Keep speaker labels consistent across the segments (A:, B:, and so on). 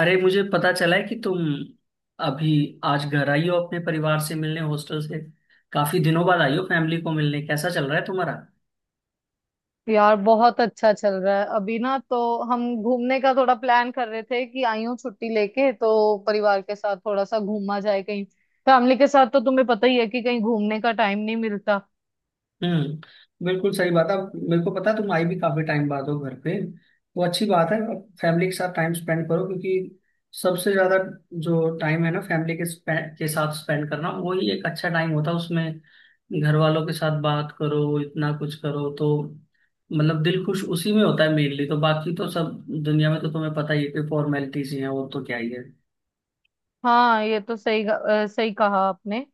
A: अरे, मुझे पता चला है कि तुम अभी आज घर आई हो अपने परिवार से मिलने, हॉस्टल से काफी दिनों बाद आई हो फैमिली को मिलने। कैसा चल रहा है तुम्हारा?
B: यार, बहुत अच्छा चल रहा है। अभी ना तो हम घूमने का थोड़ा प्लान कर रहे थे कि आई हूँ छुट्टी लेके, तो परिवार के साथ थोड़ा सा घूमा जाए कहीं। फैमिली के साथ तो तुम्हें पता ही है कि कहीं घूमने का टाइम नहीं मिलता।
A: हम्म, बिल्कुल सही बात है। अब मेरे को पता है तुम आई भी काफी टाइम बाद हो घर पे। वो अच्छी बात है, अब फैमिली के साथ टाइम स्पेंड करो, क्योंकि सबसे ज्यादा जो टाइम है ना फैमिली के साथ स्पेंड करना, वही एक अच्छा टाइम होता है। उसमें घर वालों के साथ बात करो, इतना कुछ करो तो मतलब दिल खुश उसी में होता है मेनली। तो बाकी तो सब दुनिया में तो तुम्हें पता ही है कि फॉर्मेलिटीज ही हैं, और तो क्या ही है।
B: हाँ, ये तो सही, सही कहा आपने।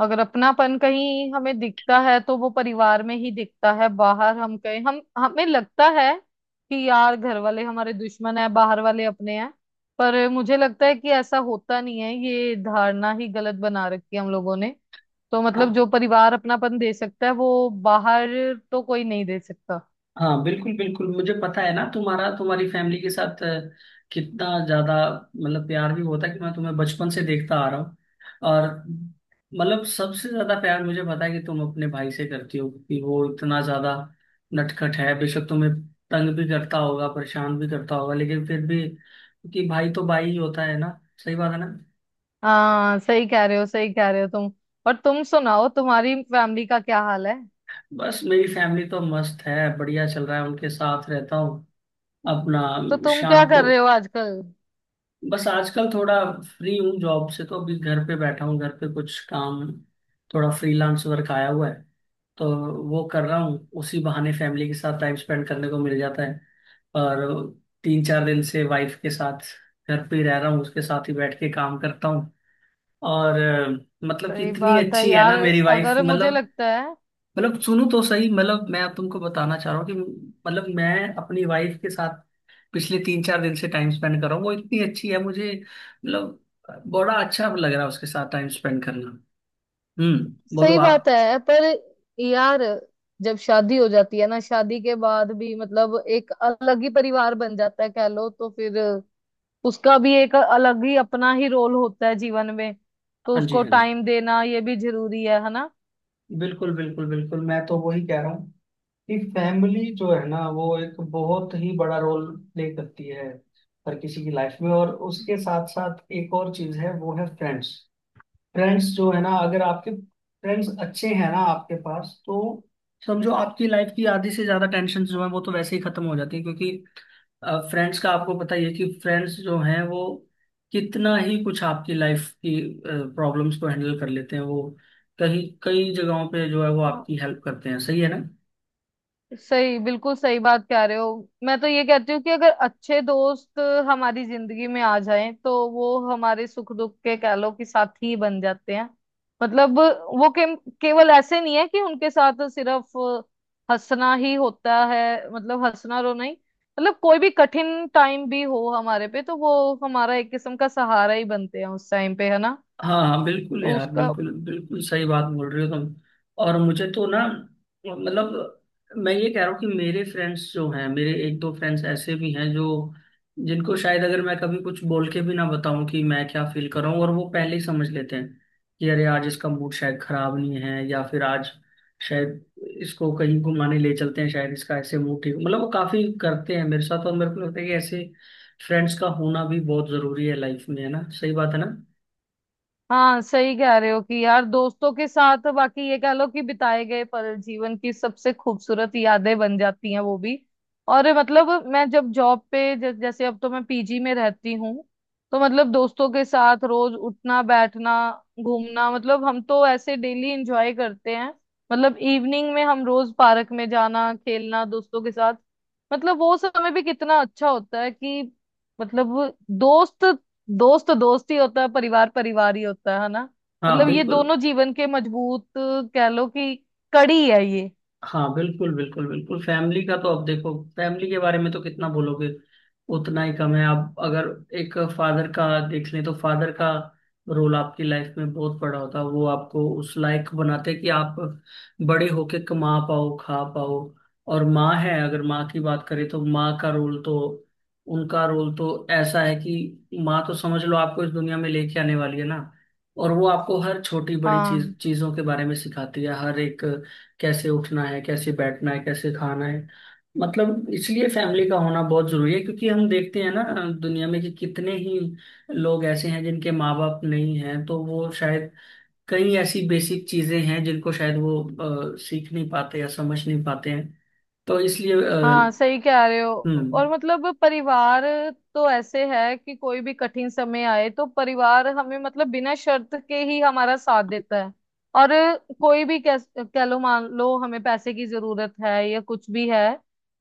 B: अगर अपनापन कहीं हमें दिखता है तो वो परिवार में ही दिखता है। बाहर हम कहीं, हम हमें लगता है कि यार घर वाले हमारे दुश्मन है, बाहर वाले अपने हैं। पर मुझे लगता है कि ऐसा होता नहीं है, ये धारणा ही गलत बना रखी है हम लोगों ने। तो मतलब जो परिवार अपनापन दे सकता है वो बाहर तो कोई नहीं दे सकता।
A: हाँ, बिल्कुल बिल्कुल। मुझे पता है ना तुम्हारा तुम्हारी फैमिली के साथ कितना ज्यादा मतलब प्यार भी होता है। कि मैं तुम्हें बचपन से देखता आ रहा हूँ, और मतलब सबसे ज्यादा प्यार मुझे पता है कि तुम अपने भाई से करती हो। कि वो इतना ज्यादा नटखट है, बेशक तुम्हें तंग भी करता होगा, परेशान भी करता होगा, लेकिन फिर भी कि भाई तो भाई ही होता है ना। सही बात है ना।
B: हाँ, सही कह रहे हो, सही कह रहे हो तुम। और तुम सुनाओ, तुम्हारी फैमिली का क्या हाल है?
A: बस मेरी फैमिली तो मस्त है, बढ़िया चल रहा है, उनके साथ रहता हूँ अपना।
B: तो तुम क्या
A: शाम
B: कर
A: को
B: रहे हो आजकल?
A: बस आजकल थोड़ा फ्री हूँ जॉब से, तो अभी घर पे बैठा हूँ, घर पे कुछ काम, थोड़ा फ्रीलांस वर्क आया हुआ है तो वो कर रहा हूँ। उसी बहाने फैमिली के साथ टाइम स्पेंड करने को मिल जाता है। और तीन चार दिन से वाइफ के साथ घर पे ही रह रहा हूँ, उसके साथ ही बैठ के काम करता हूँ। और मतलब कि
B: सही
A: इतनी
B: बात है
A: अच्छी है
B: यार।
A: ना मेरी वाइफ,
B: अगर मुझे
A: मतलब।
B: लगता है।
A: मतलब सुनो तो सही, मतलब मैं अब तुमको बताना चाह रहा हूँ कि मतलब मैं अपनी वाइफ के साथ पिछले तीन चार दिन से टाइम स्पेंड कर रहा हूँ, वो इतनी अच्छी है मुझे, मतलब बड़ा अच्छा लग रहा है उसके साथ टाइम स्पेंड करना। हम्म, बोलो
B: सही
A: आप।
B: बात है, पर यार, जब शादी हो जाती है ना, शादी के बाद भी मतलब एक अलग ही परिवार बन जाता है कह लो, तो फिर उसका भी एक अलग ही अपना ही रोल होता है जीवन में, तो
A: हाँ जी,
B: उसको
A: हाँ जी,
B: टाइम देना ये भी जरूरी है
A: बिल्कुल बिल्कुल बिल्कुल। मैं तो वही कह रहा हूँ कि फैमिली जो है ना वो एक बहुत ही बड़ा रोल प्ले करती है हर किसी की लाइफ में। और उसके साथ साथ एक और चीज है, वो है फ्रेंड्स। फ्रेंड्स जो है ना, अगर आपके फ्रेंड्स अच्छे हैं ना आपके पास, तो समझो आपकी लाइफ की आधी से ज्यादा टेंशन जो है वो तो वैसे ही खत्म हो जाती है। क्योंकि फ्रेंड्स का आपको पता ही है कि फ्रेंड्स जो हैं वो कितना ही कुछ आपकी लाइफ की प्रॉब्लम्स को हैंडल कर लेते हैं। वो कहीं कई जगहों पे जो है वो
B: ना?
A: आपकी हेल्प करते हैं। सही है ना?
B: सही, बिल्कुल सही बात कह रहे हो। मैं तो ये कहती हूँ कि अगर अच्छे दोस्त हमारी जिंदगी में आ जाएं तो वो हमारे सुख दुख के कह लो कि साथी बन जाते हैं। मतलब वो केवल ऐसे नहीं है कि उनके साथ सिर्फ हंसना ही होता है। मतलब हंसना रो नहीं, मतलब कोई भी कठिन टाइम भी हो हमारे पे तो वो हमारा एक किस्म का सहारा ही बनते हैं उस टाइम पे, है ना?
A: हाँ हाँ बिल्कुल
B: तो
A: यार,
B: उसका।
A: बिल्कुल बिल्कुल सही बात बोल रहे हो तुम। और मुझे तो ना, मतलब मैं ये कह रहा हूँ कि मेरे फ्रेंड्स जो हैं, मेरे एक दो फ्रेंड्स ऐसे भी हैं जो जिनको शायद अगर मैं कभी कुछ बोल के भी ना बताऊं कि मैं क्या फील कर रहा हूँ, और वो पहले ही समझ लेते हैं कि अरे आज इसका मूड शायद खराब नहीं है, या फिर आज शायद इसको कहीं घुमाने ले चलते हैं, शायद इसका ऐसे मूड ठीक, मतलब वो काफी करते हैं मेरे साथ। और मेरे को लगता है कि ऐसे फ्रेंड्स का होना भी बहुत जरूरी है लाइफ में। है ना, सही बात है ना।
B: हाँ, सही कह रहे हो कि यार दोस्तों के साथ बाकी ये कह लो कि बिताए गए पल जीवन की सबसे खूबसूरत यादें बन जाती हैं वो भी। और मतलब मैं जब जॉब पे जैसे अब तो मैं पीजी में रहती हूँ, तो मतलब दोस्तों के साथ रोज उठना बैठना घूमना, मतलब हम तो ऐसे डेली एंजॉय करते हैं। मतलब इवनिंग में हम रोज पार्क में जाना, खेलना, दोस्तों के साथ। मतलब वो समय भी कितना अच्छा होता है कि, मतलब, दोस्त, दोस्त तो दोस्त ही होता है, परिवार परिवार ही होता है ना?
A: हाँ
B: मतलब ये
A: बिल्कुल।
B: दोनों जीवन के मजबूत कह लो कि कड़ी है ये।
A: हाँ बिल्कुल बिल्कुल बिल्कुल। फैमिली का तो अब देखो, फैमिली के बारे में तो कितना बोलोगे उतना ही कम है। आप अगर एक फादर का देख लें, तो फादर का रोल आपकी लाइफ में बहुत बड़ा होता है, वो आपको उस लायक बनाते हैं कि आप बड़े होके कमा पाओ, खा पाओ। और माँ है, अगर माँ की बात करें तो माँ का रोल तो, उनका रोल तो ऐसा है कि माँ तो समझ लो आपको इस दुनिया में लेके आने वाली है ना। और वो आपको हर छोटी बड़ी
B: हाँ
A: चीजों के बारे में सिखाती है, हर एक, कैसे उठना है, कैसे बैठना है, कैसे खाना है। मतलब इसलिए फैमिली का होना बहुत जरूरी है, क्योंकि हम देखते हैं ना दुनिया में कि कितने ही लोग ऐसे हैं जिनके माँ बाप नहीं हैं, तो वो शायद कई ऐसी बेसिक चीजें हैं जिनको शायद वो सीख नहीं पाते या समझ नहीं पाते हैं। तो इसलिए
B: हाँ, सही कह रहे हो। और
A: हम्म।
B: मतलब परिवार तो ऐसे है कि कोई भी कठिन समय आए तो परिवार हमें मतलब बिना शर्त के ही हमारा साथ देता है। और कोई भी कह लो, मान लो हमें पैसे की जरूरत है या कुछ भी है,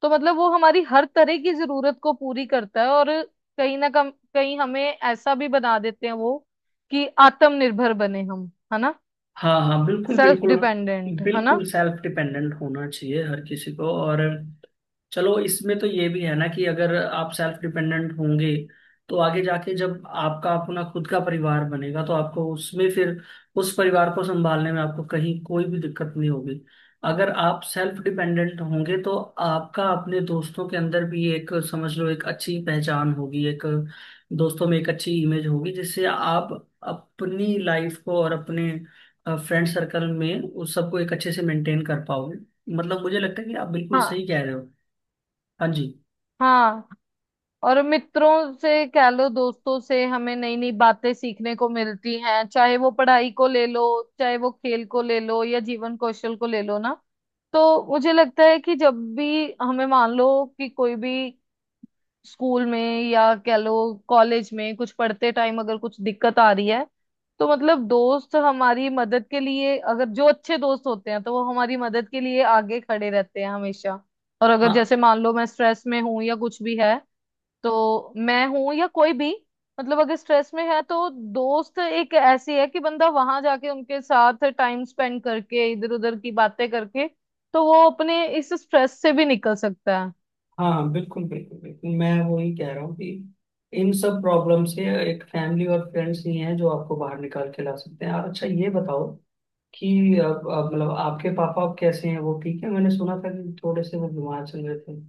B: तो मतलब वो हमारी हर तरह की जरूरत को पूरी करता है। और कहीं ना कम कहीं हमें ऐसा भी बना देते हैं वो कि आत्मनिर्भर बने हम, है ना?
A: हाँ हाँ बिल्कुल
B: सेल्फ
A: बिल्कुल।
B: डिपेंडेंट, है ना?
A: बिल्कुल सेल्फ डिपेंडेंट होना चाहिए हर किसी को। और चलो इसमें तो ये भी है ना कि अगर आप सेल्फ डिपेंडेंट होंगे तो आगे जाके जब आपका अपना खुद का परिवार बनेगा, तो आपको उसमें फिर उस परिवार को संभालने में आपको कहीं कोई भी दिक्कत नहीं होगी। अगर आप सेल्फ डिपेंडेंट होंगे तो आपका अपने दोस्तों के अंदर भी एक, समझ लो, एक अच्छी पहचान होगी, एक दोस्तों में एक अच्छी इमेज होगी, जिससे आप अपनी लाइफ को और अपने फ्रेंड सर्कल में उस सबको एक अच्छे से मेंटेन कर पाओगे। मतलब मुझे लगता है कि आप बिल्कुल
B: हाँ
A: सही कह रहे हो। हाँ जी।
B: हाँ। और मित्रों से कह लो दोस्तों से हमें नई नई बातें सीखने को मिलती हैं, चाहे वो पढ़ाई को ले लो, चाहे वो खेल को ले लो, या जीवन कौशल को ले लो ना। तो मुझे लगता है कि जब भी हमें, मान लो कि कोई भी स्कूल में या कह लो कॉलेज में कुछ पढ़ते टाइम अगर कुछ दिक्कत आ रही है, तो मतलब दोस्त हमारी मदद के लिए, अगर जो अच्छे दोस्त होते हैं तो वो हमारी मदद के लिए आगे खड़े रहते हैं हमेशा। और अगर
A: हाँ
B: जैसे मान लो मैं स्ट्रेस में हूं या कुछ भी है, तो मैं हूं या कोई भी, मतलब अगर स्ट्रेस में है तो दोस्त एक ऐसी है कि बंदा वहां जाके उनके साथ टाइम स्पेंड करके इधर उधर की बातें करके तो वो अपने इस स्ट्रेस से भी निकल सकता है।
A: हाँ हाँ, बिल्कुल बिल्कुल बिल्कुल। मैं वही कह रहा हूँ कि इन सब प्रॉब्लम से एक फैमिली और फ्रेंड्स ही हैं जो आपको बाहर निकाल के ला सकते हैं। और अच्छा ये बताओ कि अब मतलब आपके पापा अब कैसे हैं, वो ठीक है? मैंने सुना था कि थोड़े से वो बीमार चल रहे थे।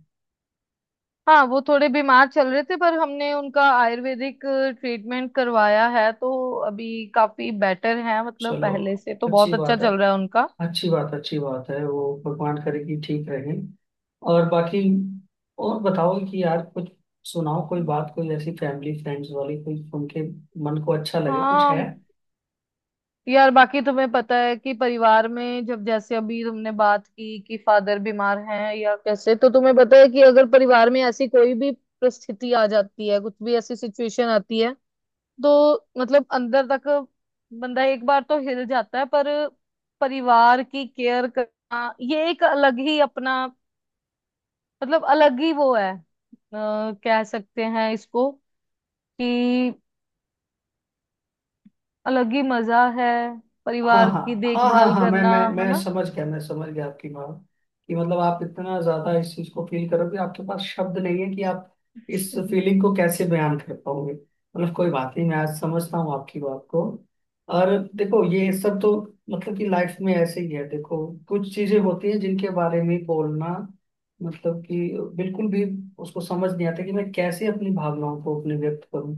B: हाँ, वो थोड़े बीमार चल रहे थे, पर हमने उनका आयुर्वेदिक ट्रीटमेंट करवाया है, तो अभी काफी बेटर है, मतलब
A: चलो,
B: पहले से तो
A: अच्छी
B: बहुत अच्छा
A: बात है।
B: चल रहा है उनका।
A: अच्छी बात, अच्छी बात है। वो भगवान करे कि ठीक रहे। और बाकी, और बताओ कि यार कुछ सुनाओ, कोई बात, कोई ऐसी फैमिली फ्रेंड्स वाली, कोई उनके मन को अच्छा लगे कुछ है।
B: हाँ यार, बाकी तुम्हें पता है कि परिवार में जब, जैसे अभी तुमने बात की कि फादर बीमार हैं या कैसे, तो तुम्हें पता है कि अगर परिवार में ऐसी कोई भी परिस्थिति आ जाती है, कुछ भी ऐसी सिचुएशन आती है, तो मतलब अंदर तक बंदा एक बार तो हिल जाता है। पर परिवार की केयर करना ये एक अलग ही अपना, मतलब अलग ही वो है, कह सकते हैं इसको कि अलग ही मजा है
A: हाँ
B: परिवार की
A: हाँ हाँ हाँ
B: देखभाल
A: हाँ। मैं
B: करना,
A: मैं मैं
B: है
A: समझ गया, मैं समझ गया आपकी बात। कि मतलब आप इतना ज्यादा इस चीज को फील करोगे, आपके पास शब्द नहीं है कि आप इस
B: ना?
A: फीलिंग को कैसे बयान कर पाओगे। मतलब कोई बात नहीं, मैं आज समझता हूँ आपकी बात को। और देखो ये सब तो मतलब कि लाइफ में ऐसे ही है। देखो कुछ चीजें होती हैं जिनके बारे में बोलना, मतलब कि बिल्कुल भी उसको समझ नहीं आता कि मैं कैसे अपनी भावनाओं को अपने व्यक्त करूं,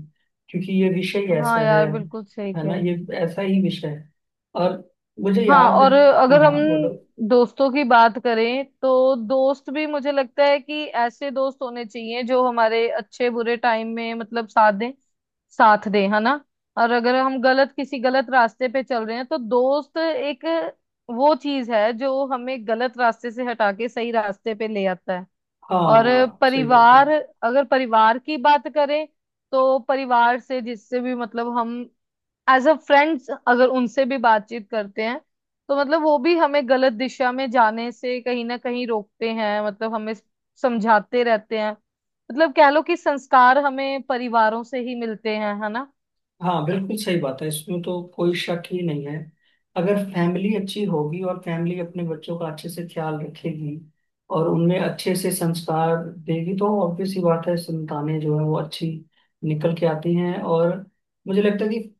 A: क्योंकि ये विषय ऐसा
B: हाँ
A: है।
B: यार, बिल्कुल सही
A: है
B: कह
A: ना,
B: रहे
A: ये
B: हैं।
A: ऐसा ही विषय है। और मुझे
B: हाँ,
A: याद है।
B: और
A: हाँ
B: अगर हम
A: हाँ, बोलो।
B: दोस्तों की बात करें तो दोस्त भी, मुझे लगता है कि ऐसे दोस्त होने चाहिए जो हमारे अच्छे बुरे टाइम में मतलब साथ दें, साथ दें, है ना? और अगर हम गलत किसी गलत रास्ते पे चल रहे हैं तो दोस्त एक वो चीज है जो हमें गलत रास्ते से हटा के सही रास्ते पे ले आता है।
A: हाँ
B: और
A: हाँ सही बात है।
B: परिवार, अगर परिवार की बात करें तो परिवार से, जिससे भी मतलब हम एज अ फ्रेंड्स अगर उनसे भी बातचीत करते हैं तो मतलब वो भी हमें गलत दिशा में जाने से कहीं ना कहीं रोकते हैं, मतलब हमें समझाते रहते हैं, मतलब कह लो कि संस्कार हमें परिवारों से ही मिलते हैं, है ना?
A: हाँ बिल्कुल सही बात है, इसमें तो कोई शक ही नहीं है। अगर फैमिली अच्छी होगी और फैमिली अपने बच्चों का अच्छे से ख्याल रखेगी और उनमें अच्छे से संस्कार देगी, तो ऑब्वियस सी बात है संतानें जो है वो अच्छी निकल के आती हैं। और मुझे लगता है कि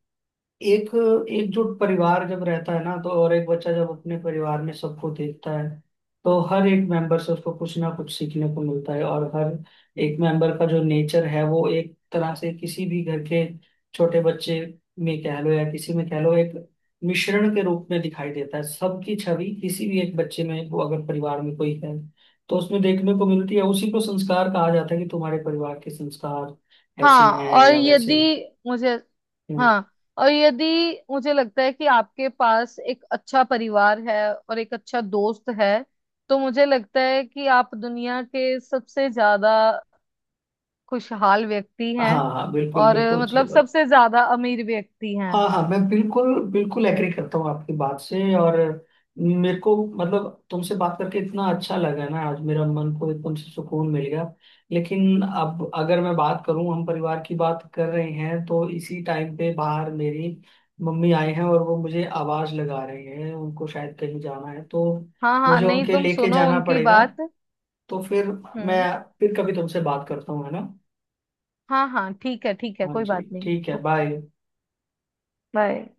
A: एक एकजुट परिवार जब रहता है ना, तो और एक बच्चा जब अपने परिवार में सबको देखता है तो हर एक मेंबर से उसको कुछ ना कुछ सीखने को मिलता है। और हर एक मेंबर का जो नेचर है वो एक तरह से किसी भी घर के छोटे बच्चे में, कह लो, या किसी में, कह लो, एक मिश्रण के रूप में दिखाई देता है। सबकी छवि किसी भी एक बच्चे में, वो अगर परिवार में कोई है तो उसमें देखने को मिलती है। उसी को संस्कार कहा जाता है कि तुम्हारे परिवार के संस्कार ऐसे
B: हाँ।
A: हैं
B: और
A: या
B: यदि
A: वैसे
B: मुझे।
A: हैं।
B: हाँ, और यदि मुझे लगता है कि आपके पास एक अच्छा परिवार है और एक अच्छा दोस्त है, तो मुझे लगता है कि आप दुनिया के सबसे ज्यादा खुशहाल व्यक्ति हैं।
A: हाँ हाँ बिल्कुल
B: और
A: बिल्कुल सही
B: मतलब
A: बात।
B: सबसे ज्यादा अमीर व्यक्ति हैं।
A: हाँ हाँ, मैं बिल्कुल बिल्कुल एग्री करता हूँ आपकी बात से। और मेरे को मतलब तुमसे बात करके इतना अच्छा लगा ना आज, मेरा मन को एकदम से सुकून मिल गया। लेकिन अब अगर मैं बात करूँ, हम परिवार की बात कर रहे हैं, तो इसी टाइम पे बाहर मेरी मम्मी आए हैं और वो मुझे आवाज लगा रहे हैं, उनको शायद कहीं जाना है, तो
B: हाँ हाँ,
A: मुझे
B: नहीं,
A: उनके
B: तुम
A: लेके
B: सुनो
A: जाना
B: उनकी
A: पड़ेगा।
B: बात।
A: तो फिर मैं
B: हम्म।
A: फिर कभी तुमसे बात करता हूँ, है ना।
B: हाँ हाँ, ठीक है, ठीक है,
A: हाँ
B: कोई
A: जी,
B: बात नहीं।
A: ठीक है, बाय।
B: बाय।